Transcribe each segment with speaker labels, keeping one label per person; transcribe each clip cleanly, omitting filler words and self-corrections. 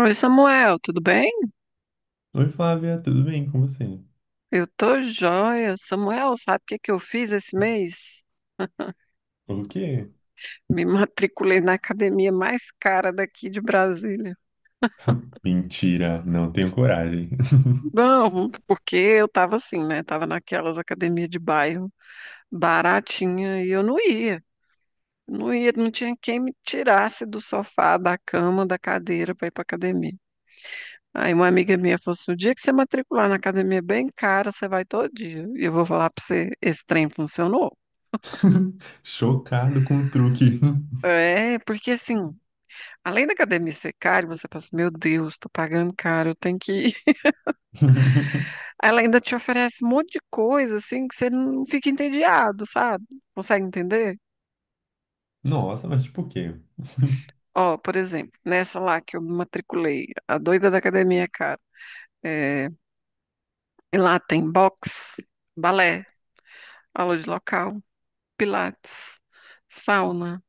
Speaker 1: Oi, Samuel, tudo bem?
Speaker 2: Oi, Flávia, tudo bem com você?
Speaker 1: Eu tô joia. Samuel, sabe o que que eu fiz esse mês?
Speaker 2: O quê?
Speaker 1: Me matriculei na academia mais cara daqui de Brasília.
Speaker 2: Mentira, não tenho coragem.
Speaker 1: Não, porque eu tava assim, né? Tava naquelas academias de bairro baratinha e eu não ia. Não ia, não tinha quem me tirasse do sofá, da cama, da cadeira para ir pra academia. Aí uma amiga minha falou assim, o dia que você matricular na academia bem cara, você vai todo dia. E eu vou falar pra você, esse trem funcionou?
Speaker 2: Chocado com o truque.
Speaker 1: É, porque assim, além da academia ser cara, você pensa, meu Deus, tô pagando caro, eu tenho que ir. Ela ainda te oferece um monte de coisa, assim, que você não fica entediado, sabe? Consegue entender?
Speaker 2: Nossa, mas tipo o quê?
Speaker 1: Ó, por exemplo, nessa lá que eu me matriculei, a doida da academia é cara. É, e lá tem boxe, balé, aula de local, pilates, sauna,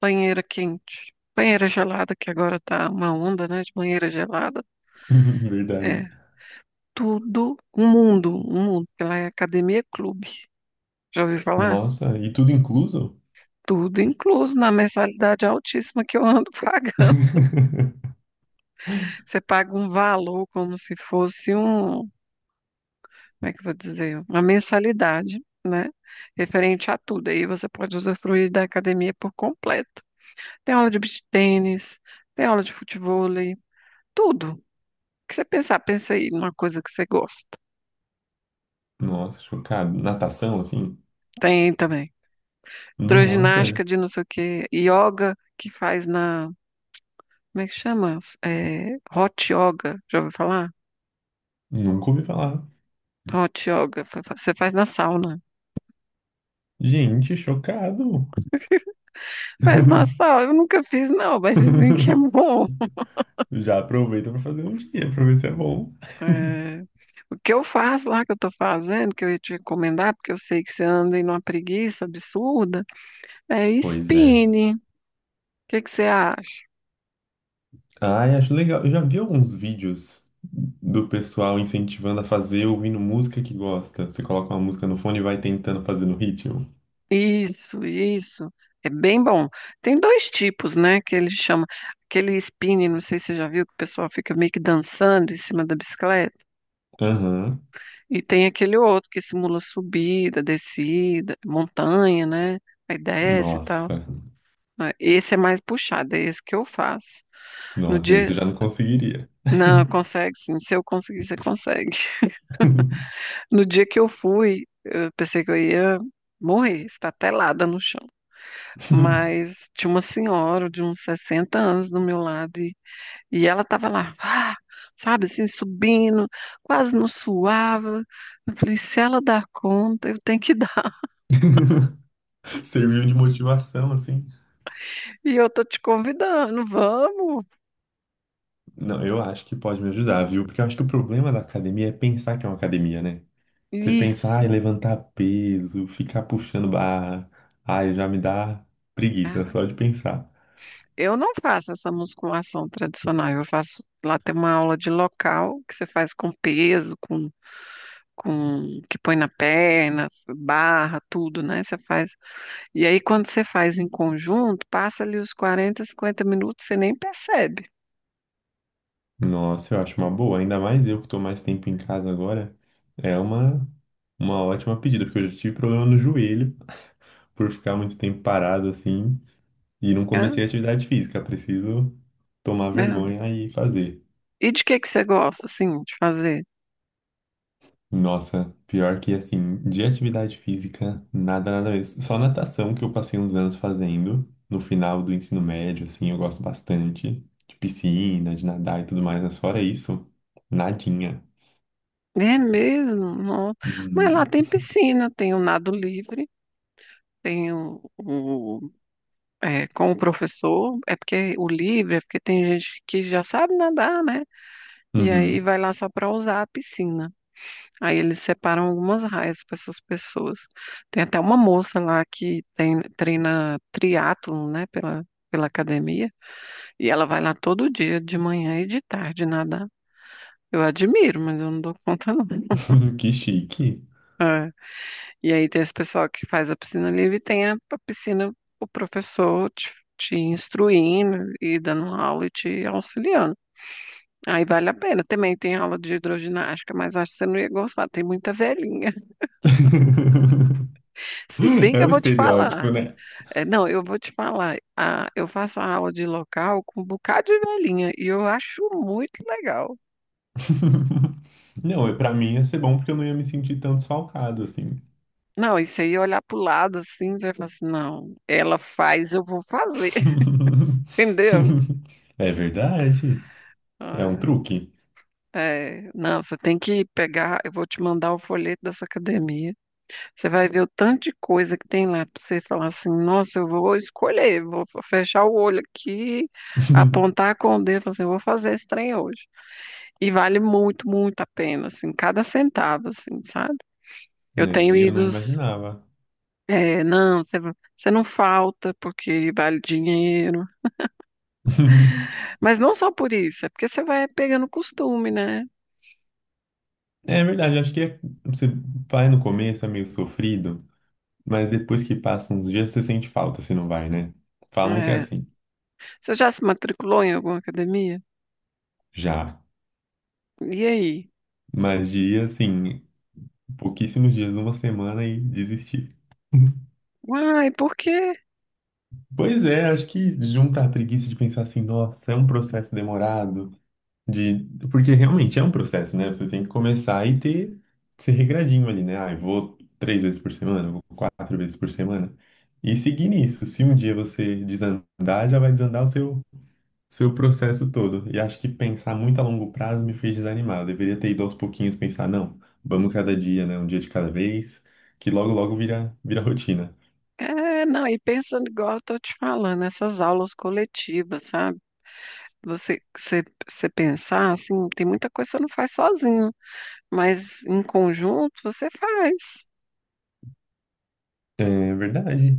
Speaker 1: banheira quente, banheira gelada, que agora tá uma onda, né, de banheira gelada. É,
Speaker 2: Verdade.
Speaker 1: tudo, um mundo, porque lá é academia clube. Já ouviu falar?
Speaker 2: Nossa, e tudo incluso?
Speaker 1: Tudo incluso na mensalidade altíssima que eu ando pagando. Você paga um valor como se fosse um, como é que eu vou dizer? Uma mensalidade, né? Referente a tudo. Aí você pode usufruir da academia por completo. Tem aula de beach tênis, tem aula de futevôlei, tudo. O que você pensar, pensa aí numa coisa que você gosta.
Speaker 2: Nossa, chocado. Natação, assim?
Speaker 1: Tem também.
Speaker 2: Nossa,
Speaker 1: Hidroginástica de não sei o quê, yoga que faz na, como é que chama? É, hot yoga, já ouviu falar?
Speaker 2: nunca ouvi falar.
Speaker 1: Hot yoga, você faz na sauna.
Speaker 2: Gente, chocado.
Speaker 1: Faz na sauna, eu nunca fiz não, mas dizem que é bom.
Speaker 2: Já aproveita pra fazer um dia, pra ver se é bom.
Speaker 1: É, o que eu faço lá, que eu tô fazendo, que eu ia te recomendar, porque eu sei que você anda em uma preguiça absurda, é
Speaker 2: Pois é.
Speaker 1: spinning. O que que você acha?
Speaker 2: Ai, acho legal. Eu já vi alguns vídeos do pessoal incentivando a fazer ouvindo música que gosta. Você coloca uma música no fone e vai tentando fazer no ritmo.
Speaker 1: Isso, isso. É bem bom. Tem dois tipos, né, que ele chama, aquele spinning, não sei se você já viu, que o pessoal fica meio que dançando em cima da bicicleta.
Speaker 2: Aham.
Speaker 1: E tem aquele outro que simula subida, descida, montanha, né? Aí desce e tal.
Speaker 2: Nossa.
Speaker 1: Ah, esse é mais puxado, é esse que eu faço. No
Speaker 2: Nossa, isso eu
Speaker 1: dia.
Speaker 2: já não conseguiria.
Speaker 1: Não, consegue sim. Se eu conseguir, você consegue. No dia que eu fui, eu pensei que eu ia morrer, estatelada no chão. Mas tinha uma senhora de uns 60 anos do meu lado e ela estava lá, ah, sabe, assim, subindo, quase não suava. Eu falei, se ela dá conta, eu tenho que
Speaker 2: Serviu de motivação, assim.
Speaker 1: E eu tô te convidando, vamos.
Speaker 2: Não, eu acho que pode me ajudar, viu? Porque eu acho que o problema da academia é pensar que é uma academia, né? Você pensa, ai,
Speaker 1: Isso.
Speaker 2: levantar peso, ficar puxando barra. Ai, já me dá preguiça
Speaker 1: Ah,
Speaker 2: só de pensar.
Speaker 1: eu não faço essa musculação tradicional. Eu faço lá tem uma aula de local que você faz com peso, com que põe na perna, barra, tudo, né? Você faz. E aí quando você faz em conjunto, passa ali os 40, 50 minutos, você nem percebe,
Speaker 2: Nossa, eu acho uma boa. Ainda mais eu que tô mais tempo em casa agora. É uma ótima pedida, porque eu já tive problema no joelho por ficar muito tempo parado assim e não
Speaker 1: né?
Speaker 2: comecei a atividade física. Preciso tomar
Speaker 1: Né?
Speaker 2: vergonha e fazer.
Speaker 1: E de que você gosta assim de fazer?
Speaker 2: Nossa, pior que assim, de atividade física, nada, nada mesmo. Só natação que eu passei uns anos fazendo no final do ensino médio, assim, eu gosto bastante de piscina, de nadar e tudo mais, mas fora isso, nadinha.
Speaker 1: É mesmo? Não. Mas lá
Speaker 2: Uhum.
Speaker 1: tem piscina, tem o nado livre, tem o É, com o professor, é porque o livre, é porque tem gente que já sabe nadar, né? E aí
Speaker 2: Uhum.
Speaker 1: vai lá só para usar a piscina. Aí eles separam algumas raias para essas pessoas. Tem até uma moça lá que treina triatlon, né, pela academia, e ela vai lá todo dia, de manhã e de tarde, nadar. Eu admiro, mas eu não dou conta, não.
Speaker 2: Que chique.
Speaker 1: É. E aí tem esse pessoal que faz a piscina livre e tem a piscina, o professor te instruindo e dando aula e te auxiliando. Aí vale a pena. Também tem aula de hidroginástica, mas acho que você não ia gostar. Tem muita velhinha. Se bem que
Speaker 2: É
Speaker 1: eu
Speaker 2: o
Speaker 1: vou te falar.
Speaker 2: estereótipo, né?
Speaker 1: É, não, eu vou te falar. Ah, eu faço a aula de local com um bocado de velhinha e eu acho muito legal.
Speaker 2: Não, pra mim ia ser bom porque eu não ia me sentir tão desfalcado assim.
Speaker 1: Não, isso aí olhar para o lado assim, você vai falar assim, não, ela faz, eu vou fazer, entendeu?
Speaker 2: É verdade. É um
Speaker 1: Ah,
Speaker 2: truque.
Speaker 1: é, não, você tem que pegar, eu vou te mandar o folheto dessa academia. Você vai ver o tanto de coisa que tem lá para você falar assim, nossa, eu vou escolher, vou fechar o olho aqui, apontar com o dedo, falar assim, eu vou fazer esse trem hoje. E vale muito, muito a pena, assim, cada centavo, assim, sabe? Eu
Speaker 2: Né?
Speaker 1: tenho
Speaker 2: E eu não
Speaker 1: ido,
Speaker 2: imaginava.
Speaker 1: é, não, você não falta porque vale dinheiro, mas não só por isso, é porque você vai pegando costume, né?
Speaker 2: É verdade, acho que você vai no começo, é meio sofrido, mas depois que passa uns dias você sente falta se não vai, né? Falam que é
Speaker 1: É.
Speaker 2: assim,
Speaker 1: Você já se matriculou em alguma academia?
Speaker 2: já.
Speaker 1: E aí?
Speaker 2: Mas dias assim, pouquíssimos dias, uma semana e desistir.
Speaker 1: Uai, por quê?
Speaker 2: Pois é, acho que junta a preguiça de pensar assim, nossa, é um processo demorado, de... porque realmente é um processo, né? Você tem que começar, ser regradinho ali, né? Ah, eu vou três vezes por semana, eu vou quatro vezes por semana. E seguir nisso. Se um dia você desandar, já vai desandar o seu processo todo. E acho que pensar muito a longo prazo me fez desanimar. Eu deveria ter ido aos pouquinhos pensar, não, vamos cada dia, né? Um dia de cada vez, que logo, logo vira rotina.
Speaker 1: É, não, e pensando igual eu tô te falando, essas aulas coletivas, sabe? Você pensar, assim, tem muita coisa que você não faz sozinho, mas em conjunto você faz.
Speaker 2: É verdade.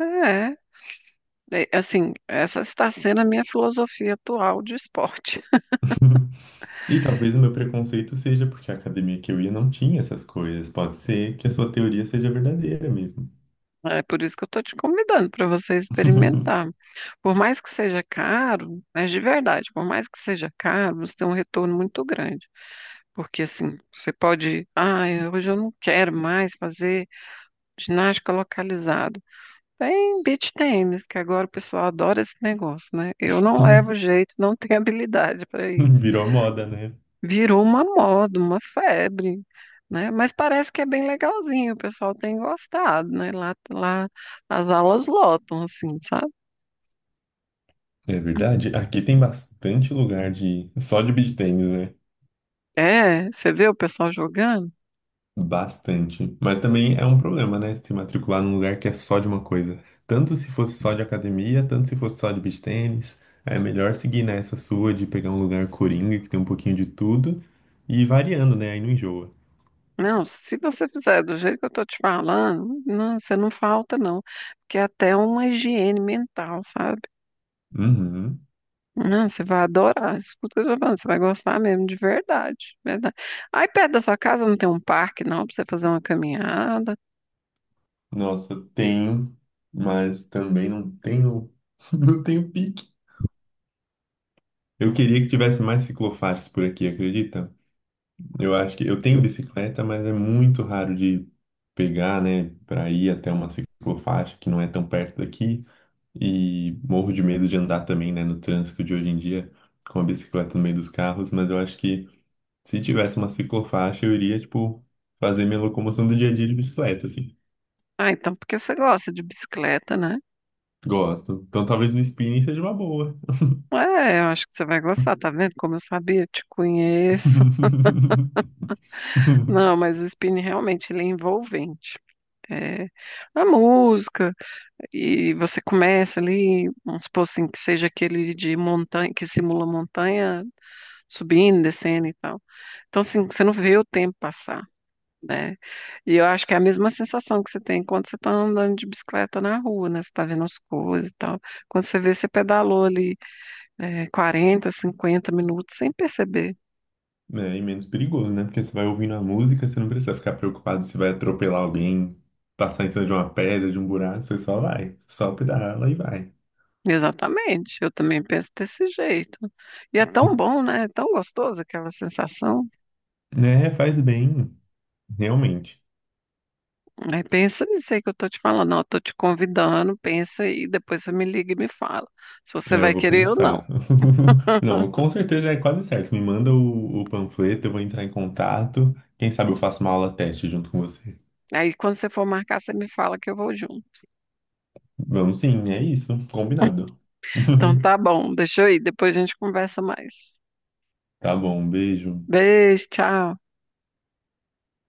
Speaker 1: É, é, assim, essa está sendo a minha filosofia atual de esporte.
Speaker 2: E talvez o meu preconceito seja porque a academia que eu ia não tinha essas coisas. Pode ser que a sua teoria seja verdadeira mesmo.
Speaker 1: É por isso que eu estou te convidando para você experimentar. Por mais que seja caro, mas de verdade, por mais que seja caro, você tem um retorno muito grande. Porque assim, você pode, ah, hoje eu não quero mais fazer ginástica localizada. Tem beach tênis, que agora o pessoal adora esse negócio, né? Eu não levo jeito, não tenho habilidade para isso.
Speaker 2: Virou moda, né?
Speaker 1: Virou uma moda, uma febre, né? Mas parece que é bem legalzinho, o pessoal tem gostado, né? Lá as aulas lotam, assim, sabe?
Speaker 2: É verdade. Aqui tem bastante lugar de só de beach tennis, né?
Speaker 1: É, você vê o pessoal jogando?
Speaker 2: Bastante. Mas também é um problema, né? Se matricular num lugar que é só de uma coisa. Tanto se fosse só de academia, tanto se fosse só de beach tênis. É melhor seguir nessa sua de pegar um lugar coringa, que tem um pouquinho de tudo, e ir variando, né? Aí não enjoa.
Speaker 1: Não, se você fizer do jeito que eu tô te falando, não, você não falta, não. Porque é até uma higiene mental, sabe?
Speaker 2: Uhum.
Speaker 1: Não, você vai adorar. Escuta o que eu tô falando, você vai gostar mesmo, de verdade, verdade. Aí perto da sua casa não tem um parque, não, pra você fazer uma caminhada.
Speaker 2: Nossa, tenho, mas também não tenho, não tenho pique. Eu queria que tivesse mais ciclofaixas por aqui, acredita? Eu acho que eu tenho bicicleta, mas é muito raro de pegar, né, para ir até uma ciclofaixa que não é tão perto daqui. E morro de medo de andar também, né, no trânsito de hoje em dia com a bicicleta no meio dos carros, mas eu acho que se tivesse uma ciclofaixa, eu iria, tipo, fazer minha locomoção do dia a dia de bicicleta, assim.
Speaker 1: Ah, então porque você gosta de bicicleta, né?
Speaker 2: Gosto. Então talvez o spinning seja uma boa.
Speaker 1: É, eu acho que você vai gostar, tá vendo? Como eu sabia, eu te conheço. Não, mas o spinning realmente ele é envolvente. É, a música, e você começa ali, vamos supor assim, que seja aquele de montanha, que simula montanha, subindo, descendo e tal. Então, assim, você não vê o tempo passar. Né? E eu acho que é a mesma sensação que você tem quando você está andando de bicicleta na rua, né? Você está vendo as coisas e tal. Quando você vê, você pedalou ali é, 40, 50 minutos sem perceber.
Speaker 2: É, e menos perigoso, né? Porque você vai ouvindo a música, você não precisa ficar preocupado se vai atropelar alguém, passar em cima de uma pedra, de um buraco, você só pedala e vai.
Speaker 1: Exatamente, eu também penso desse jeito. E é tão bom, né? É tão gostoso aquela sensação.
Speaker 2: Né? Faz bem, realmente.
Speaker 1: Né? Pensa nisso aí que eu tô te falando. Não, eu tô te convidando, pensa aí, depois você me liga e me fala se você
Speaker 2: É, eu
Speaker 1: vai
Speaker 2: vou
Speaker 1: querer ou não.
Speaker 2: pensar. Não, com certeza já é quase certo. Me manda o panfleto, eu vou entrar em contato. Quem sabe eu faço uma aula teste junto com você.
Speaker 1: Aí quando você for marcar, você me fala que eu vou junto.
Speaker 2: Vamos sim, é isso. Combinado.
Speaker 1: Então tá bom, deixa eu ir, depois a gente conversa mais.
Speaker 2: Tá bom, um beijo.
Speaker 1: Beijo, tchau.